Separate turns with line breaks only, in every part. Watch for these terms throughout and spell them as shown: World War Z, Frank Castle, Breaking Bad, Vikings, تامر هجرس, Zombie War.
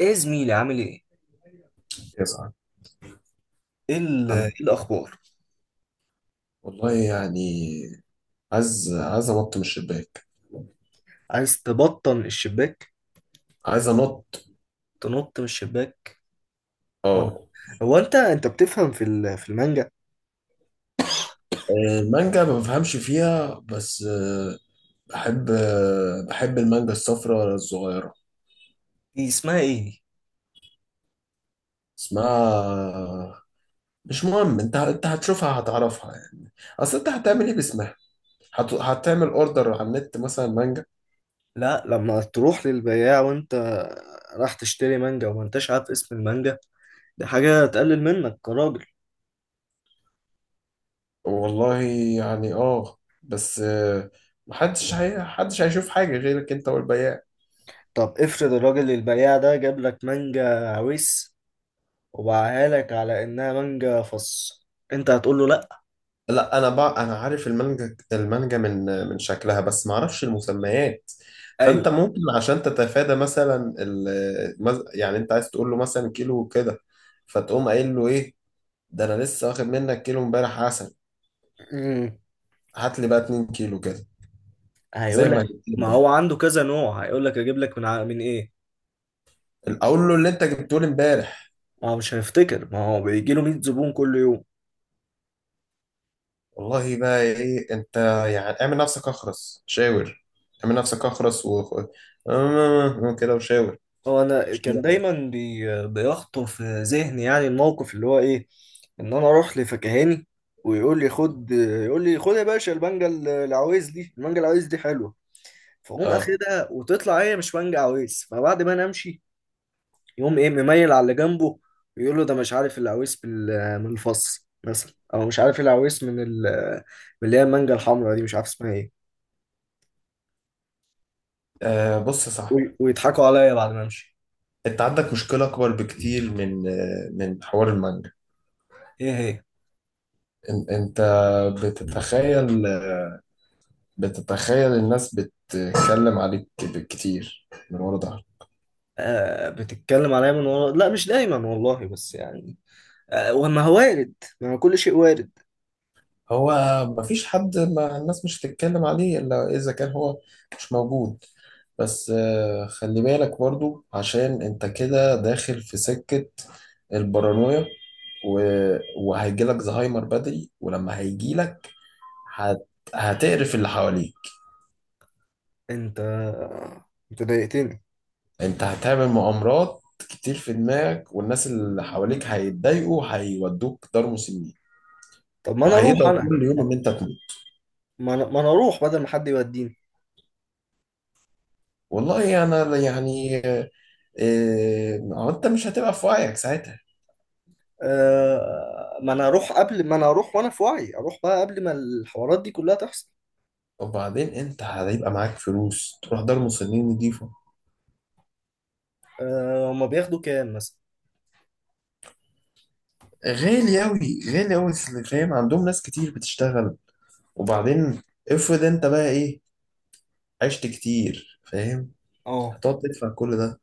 ايه يا زميلي، عامل ايه؟
يسعد.
ايه ال-
أنا،
إيه الاخبار؟
والله يعني عايز أنط من الشباك.
عايز تبطن الشباك؟
عايز أنط.
تنط من الشباك؟ ولا؟
أه.
هو انت بتفهم في المانجا؟
آه، المانجا ما بفهمش فيها، بس بحب المانجا الصفراء الصغيرة.
دي اسمها ايه دي؟
اسمها مش مهم. أنت هتشوفها، هتعرفها يعني. أصل أنت هتعمل إيه باسمها؟ هتعمل أوردر على النت مثلا مانجا.
لا، لما تروح للبياع وانت راح تشتري مانجا وما انتش عارف اسم المانجا، دي حاجة تقلل منك كراجل.
والله يعني أه، بس محدش هيشوف حاجة غيرك أنت والبياع.
طب افرض الراجل البياع ده جاب لك مانجا عويس وباعها لك على انها مانجا فص، انت هتقول له لا؟
لا، انا بقى انا عارف المانجا، المانجا من شكلها، بس ما اعرفش المسميات.
ايوه.
فانت ممكن عشان تتفادى مثلا يعني انت عايز تقول له مثلا كيلو كده، فتقوم قايل له ايه، ده انا لسه واخد منك كيلو امبارح عسل،
امم.
هات لي بقى 2 كيلو كده زي
هيقول
ما
لك.
جبت لي
ما هو
امبارح.
عنده كذا نوع، هيقول لك اجيب لك من ايه.
اقول له اللي انت جبته لي امبارح.
ما هو مش هيفتكر، ما هو بيجي له 100 زبون كل يوم.
والله بقى ايه انت، يعني اعمل نفسك اخرس شاور. اعمل نفسك اخرس و كده وشاور.
هو انا كان دايما بيخطر في ذهني، يعني الموقف اللي هو ايه، ان انا اروح لفكهاني ويقول لي خد، يقول لي خد يا باشا، المانجا العويز دي، المانجا العويز دي حلوه، فاقوم
اه.
اخدها وتطلع هي مش مانجا عويز، فبعد ما انا امشي يقوم ايه مميل على اللي جنبه، ويقول له ده مش عارف العويس من الفص مثلا، او مش عارف العويس من اللي هي المانجا الحمراء دي، مش عارف اسمها ايه،
بص يا صاحبي،
ويضحكوا عليا بعد ما امشي.
انت عندك مشكلة اكبر بكتير من من حوار المانجا.
ايه هي؟
انت بتتخيل بتتخيل الناس بتتكلم عليك كتير من ورا ظهرك.
آه، بتتكلم عليا من ورا. لا، مش دايما والله، بس يعني آه، وما هو وارد، ما هو كل شيء وارد.
هو مفيش حد ما الناس مش هتتكلم عليه الا اذا كان هو مش موجود. بس خلي بالك برضو، عشان انت كده داخل في سكة البارانويا و- وهيجيلك زهايمر بدري. ولما هيجيلك هت... هتقرف اللي حواليك.
انت انت ضايقتني.
انت هتعمل مغامرات كتير في دماغك، والناس اللي حواليك هيتضايقوا، هيودوك دار مسنين،
طب ما انا اروح، والله
وهيدعوا
انا،
كل يوم ان انت تموت.
ما أنا اروح بدل ما حد يوديني.
والله انا يعني إيه، ما هو انت مش هتبقى في وعيك ساعتها.
آه، ما انا اروح قبل ما انا اروح وانا في وعي، اروح بقى قبل ما الحوارات دي كلها تحصل.
وبعدين انت هيبقى معاك فلوس تروح دار مسنين نضيفه؟
آه، هما بياخدوا كام مثلا؟
غالي اوي، غالي اوي اللي فاهم، عندهم ناس كتير بتشتغل. وبعدين افرض انت بقى ايه، عشت كتير، فاهم،
اه.
هتقعد تدفع كل ده.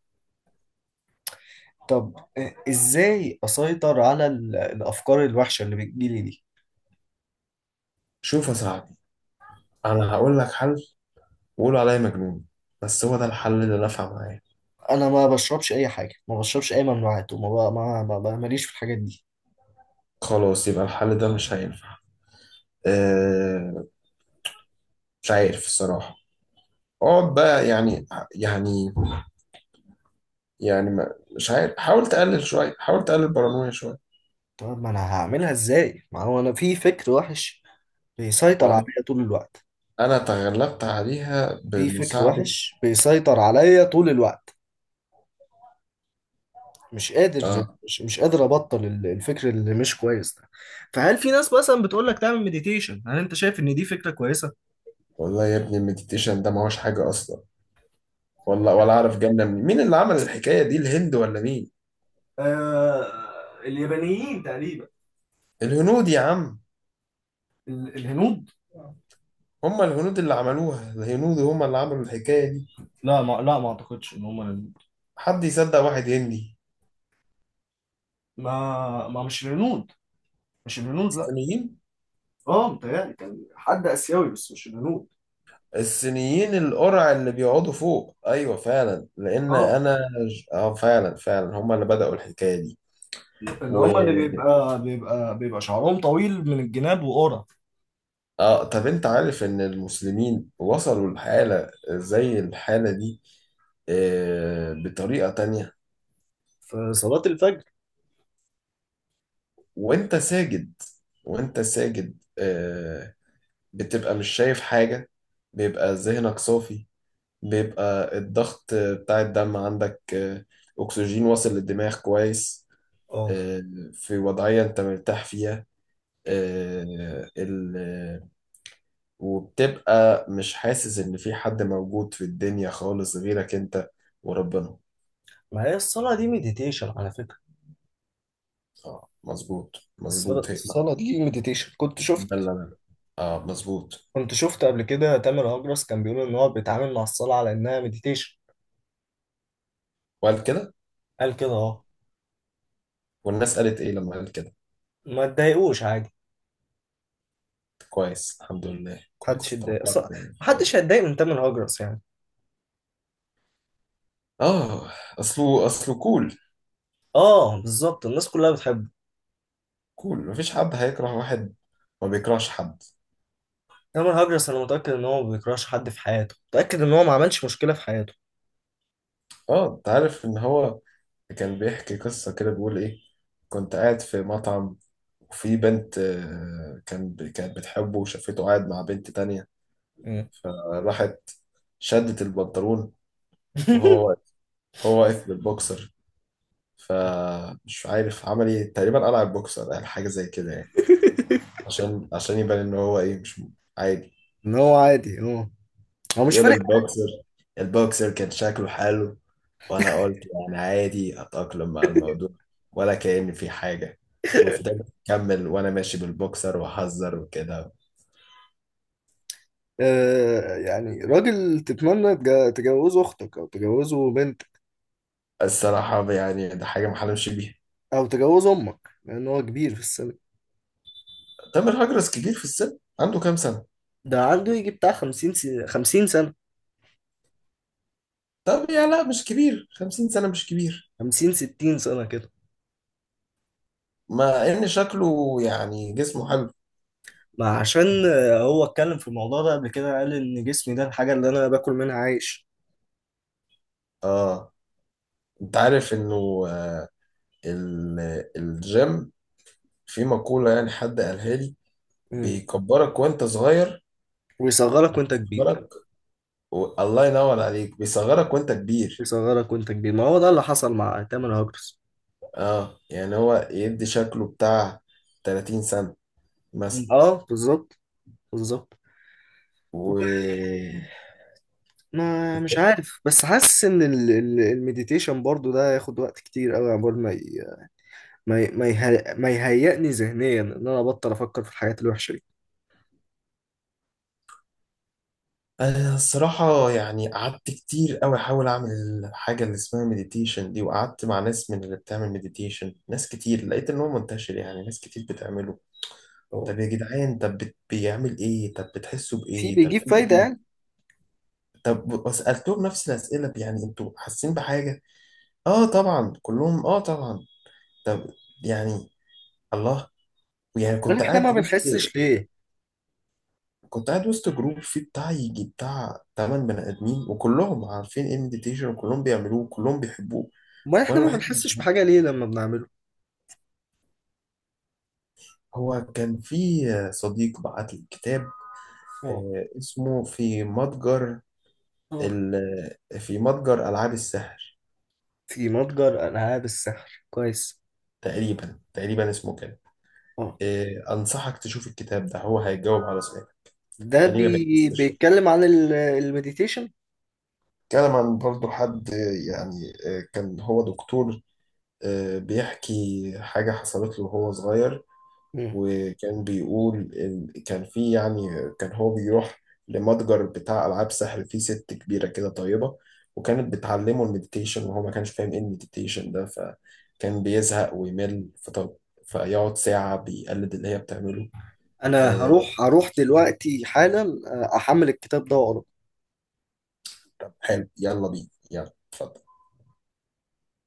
طب ازاي اسيطر على الافكار الوحشه اللي بتجيلي دي؟
شوف يا صاحبي، انا هقول لك حل وقولوا عليا مجنون، بس هو ده الحل اللي نفع معايا.
انا ما بشربش اي حاجه، ما بشربش اي ممنوعات، وما ب- ما ما- ما- ماليش في الحاجات دي.
خلاص، يبقى الحل ده مش هينفع. أه، مش عارف الصراحة. اقعد بقى يعني، يعني يعني ما، مش عارف. حاول تقلل شوية، حاول تقلل البارانويا شوية.
طب ما انا هعملها ازاي، ما هو انا في فكر وحش بيسيطر
وأنا-
عليا طول الوقت.
أنا تغلبت عليها
في فكر
بمساعدة.
وحش بيسيطر عليا طول الوقت،
آه.
مش قادر ابطل الفكر اللي مش كويس ده. فهل في ناس مثلا بتقول لك تعمل مديتيشن؟ هل انت شايف ان دي فكرة كويسة؟
والله يا ابني المديتيشن ده ما هوش حاجة أصلا. ولا أعرف، جنة منين؟ مين اللي عمل الحكاية دي، الهند ولا مين؟
آه. اليابانيين تقريبا.
الهنود يا عم.
الهنود.
هم الهنود اللي عملوها، الهنود هم اللي عملوا الحكاية دي.
لا، ما اعتقدش ان هم الهنود.
حد يصدق واحد هندي؟
ما ما مش الهنود. مش الهنود لا.
الصينيين.
اه، متهيألي كان حد اسيوي، بس مش الهنود.
الصينيين القرع اللي بيقعدوا فوق، ايوه فعلا، لان
اه،
انا اه، فعلا فعلا هم اللي بدأوا الحكايه دي.
اللي
و
هم اللي بيبقى شعرهم طويل من الجناب وقرع.
اه، طب انت عارف ان المسلمين وصلوا لحاله زي الحاله دي؟ آه بطريقه تانية.
في صلاة الفجر.
وانت ساجد، وانت ساجد آه، بتبقى مش شايف حاجه، بيبقى ذهنك صافي، بيبقى الضغط بتاع الدم عندك آه، اكسجين واصل للدماغ كويس،
اه.
آه، في وضعيه انت مرتاح فيها. آه، ال... وبتبقى مش حاسس ان في حد موجود في الدنيا خالص غيرك انت وربنا.
ما هي الصلاة دي مديتيشن على فكرة.
اه مظبوط،
الصلاة
مظبوط هي.
الصلاة دي مديتيشن. كنت
ده
شفت.
اللي انا، اه مظبوط.
كنت شفت قبل كده تامر هجرس كان بيقول ان هو بيتعامل مع الصلاة على انها مديتيشن.
وقال كده؟
قال كده اه.
والناس قالت ايه لما قال كده؟
ما تضايقوش، عادي.
كويس، الحمد لله،
محدش
كويس،
يتضايق
توقعت.
اصلا، محدش هيتضايق من تامر هجرس يعني.
اه، اصله كول.
اه، بالظبط، الناس كلها بتحبه.
كول، مفيش حد هيكره واحد ما بيكرهش حد.
تامر هجرس، انا متأكد ان هو ما بيكرهش حد في حياته، متأكد ان هو ما عملش مشكلة في حياته.
اه، انت عارف ان هو كان بيحكي قصة كده، بيقول ايه، كنت قاعد في مطعم، وفي بنت آه، كانت بتحبه وشافته قاعد مع بنت تانية.
مم.
فراحت شدت البنطلون وهو واقف، هو واقف بالبوكسر. فمش عارف عمل ايه، تقريبا قلع البوكسر، قال حاجة زي كده يعني، عشان يبان ان هو ايه، مش عادي.
ان هو عادي اه. هو مش
بيقول
فارق.
البوكسر، البوكسر كان شكله حلو، وانا قلت يعني عادي، اتأقلم مع الموضوع، ولا كأن في حاجة. وفضلت أكمل وأنا ماشي بالبوكسر وأهزر وكده.
يعني راجل تتمنى تجوزه اختك او تجوزه بنتك
الصراحة يعني ده حاجة ما حلمش بيها.
او تجوزه امك، لان هو كبير في السن.
تامر هجرس كبير في السن، عنده كام سنة؟
ده عنده يجي بتاع 50 سنة. 50 سنة.
طب يا لا، مش كبير، 50 سنة مش كبير.
50 60 سنة كده.
مع ان شكله يعني جسمه حلو.
ما عشان هو اتكلم في الموضوع ده قبل كده، قال ان جسمي ده الحاجة اللي انا باكل منها عايش.
اه، انت عارف انه آه، الجيم، في مقولة يعني حد قالها لي،
مم.
بيكبرك وانت صغير،
ويصغرك وانت كبير.
بيصغرك الله ينور عليك، بيصغرك وانت كبير.
يصغرك وانت كبير، ما هو ده اللي حصل مع تامر هاجرس.
اه يعني هو يدي شكله بتاع 30 سنة
مم. اه بالظبط. بالظبط.
مثلا.
ما مش عارف، بس حاسس ان المديتيشن برضو ده ياخد وقت كتير قوي، عقبال ما يهيئني ذهنيا ان انا ابطل افكر في الحاجات الوحشه دي.
أنا الصراحة يعني قعدت كتير أوي أحاول أعمل حاجة اللي اسمها مديتيشن دي، وقعدت مع ناس من اللي بتعمل مديتيشن، ناس كتير، لقيت إن هو منتشر، يعني ناس كتير بتعمله.
اه.
طب يا جدعان، طب بيعمل إيه؟ طب بتحسوا
في
بإيه؟ طب
بيجيب
في
فايده يعني؟
إيه؟ طب وسألتهم نفس الأسئلة، يعني أنتوا حاسين بحاجة؟ آه طبعا، كلهم آه طبعا. طب، يعني الله، يعني
امال احنا ما بنحسش ليه؟
كنت قاعد وسط جروب فيه بتاع يجي بتاع تمن بني آدمين، وكلهم عارفين إيه مديتيشن، وكلهم بيعملوه، وكلهم بيحبوه،
امال احنا
وانا
ما
الوحيد اللي مش
بنحسش بحاجه
عارف.
ليه لما بنعمله؟
هو كان في صديق بعت لي كتاب،
اه.
اسمه في متجر
اه،
ال... في متجر العاب السحر،
في متجر العاب السحر، كويس.
تقريبا تقريبا اسمه كده.
اه.
انصحك تشوف الكتاب ده، هو هيجاوب على سؤالك،
ده
احنا ليه ما بنكسبش.
بيتكلم عن المديتيشن.
كلام عن برضه حد، كان هو دكتور، بيحكي حاجة حصلت له وهو صغير.
مم.
وكان بيقول كان في يعني، كان هو بيروح لمتجر بتاع ألعاب سحر فيه ست كبيرة كده طيبة، وكانت بتعلمه المديتيشن، وهو ما كانش فاهم ايه المديتيشن ده، فكان بيزهق ويمل، فطب، فيقعد ساعة بيقلد اللي هي بتعمله.
انا
آه،
هروح، دلوقتي حالا، احمل الكتاب ده واقراه.
طب حلو، يلا بينا، يلا اتفضل.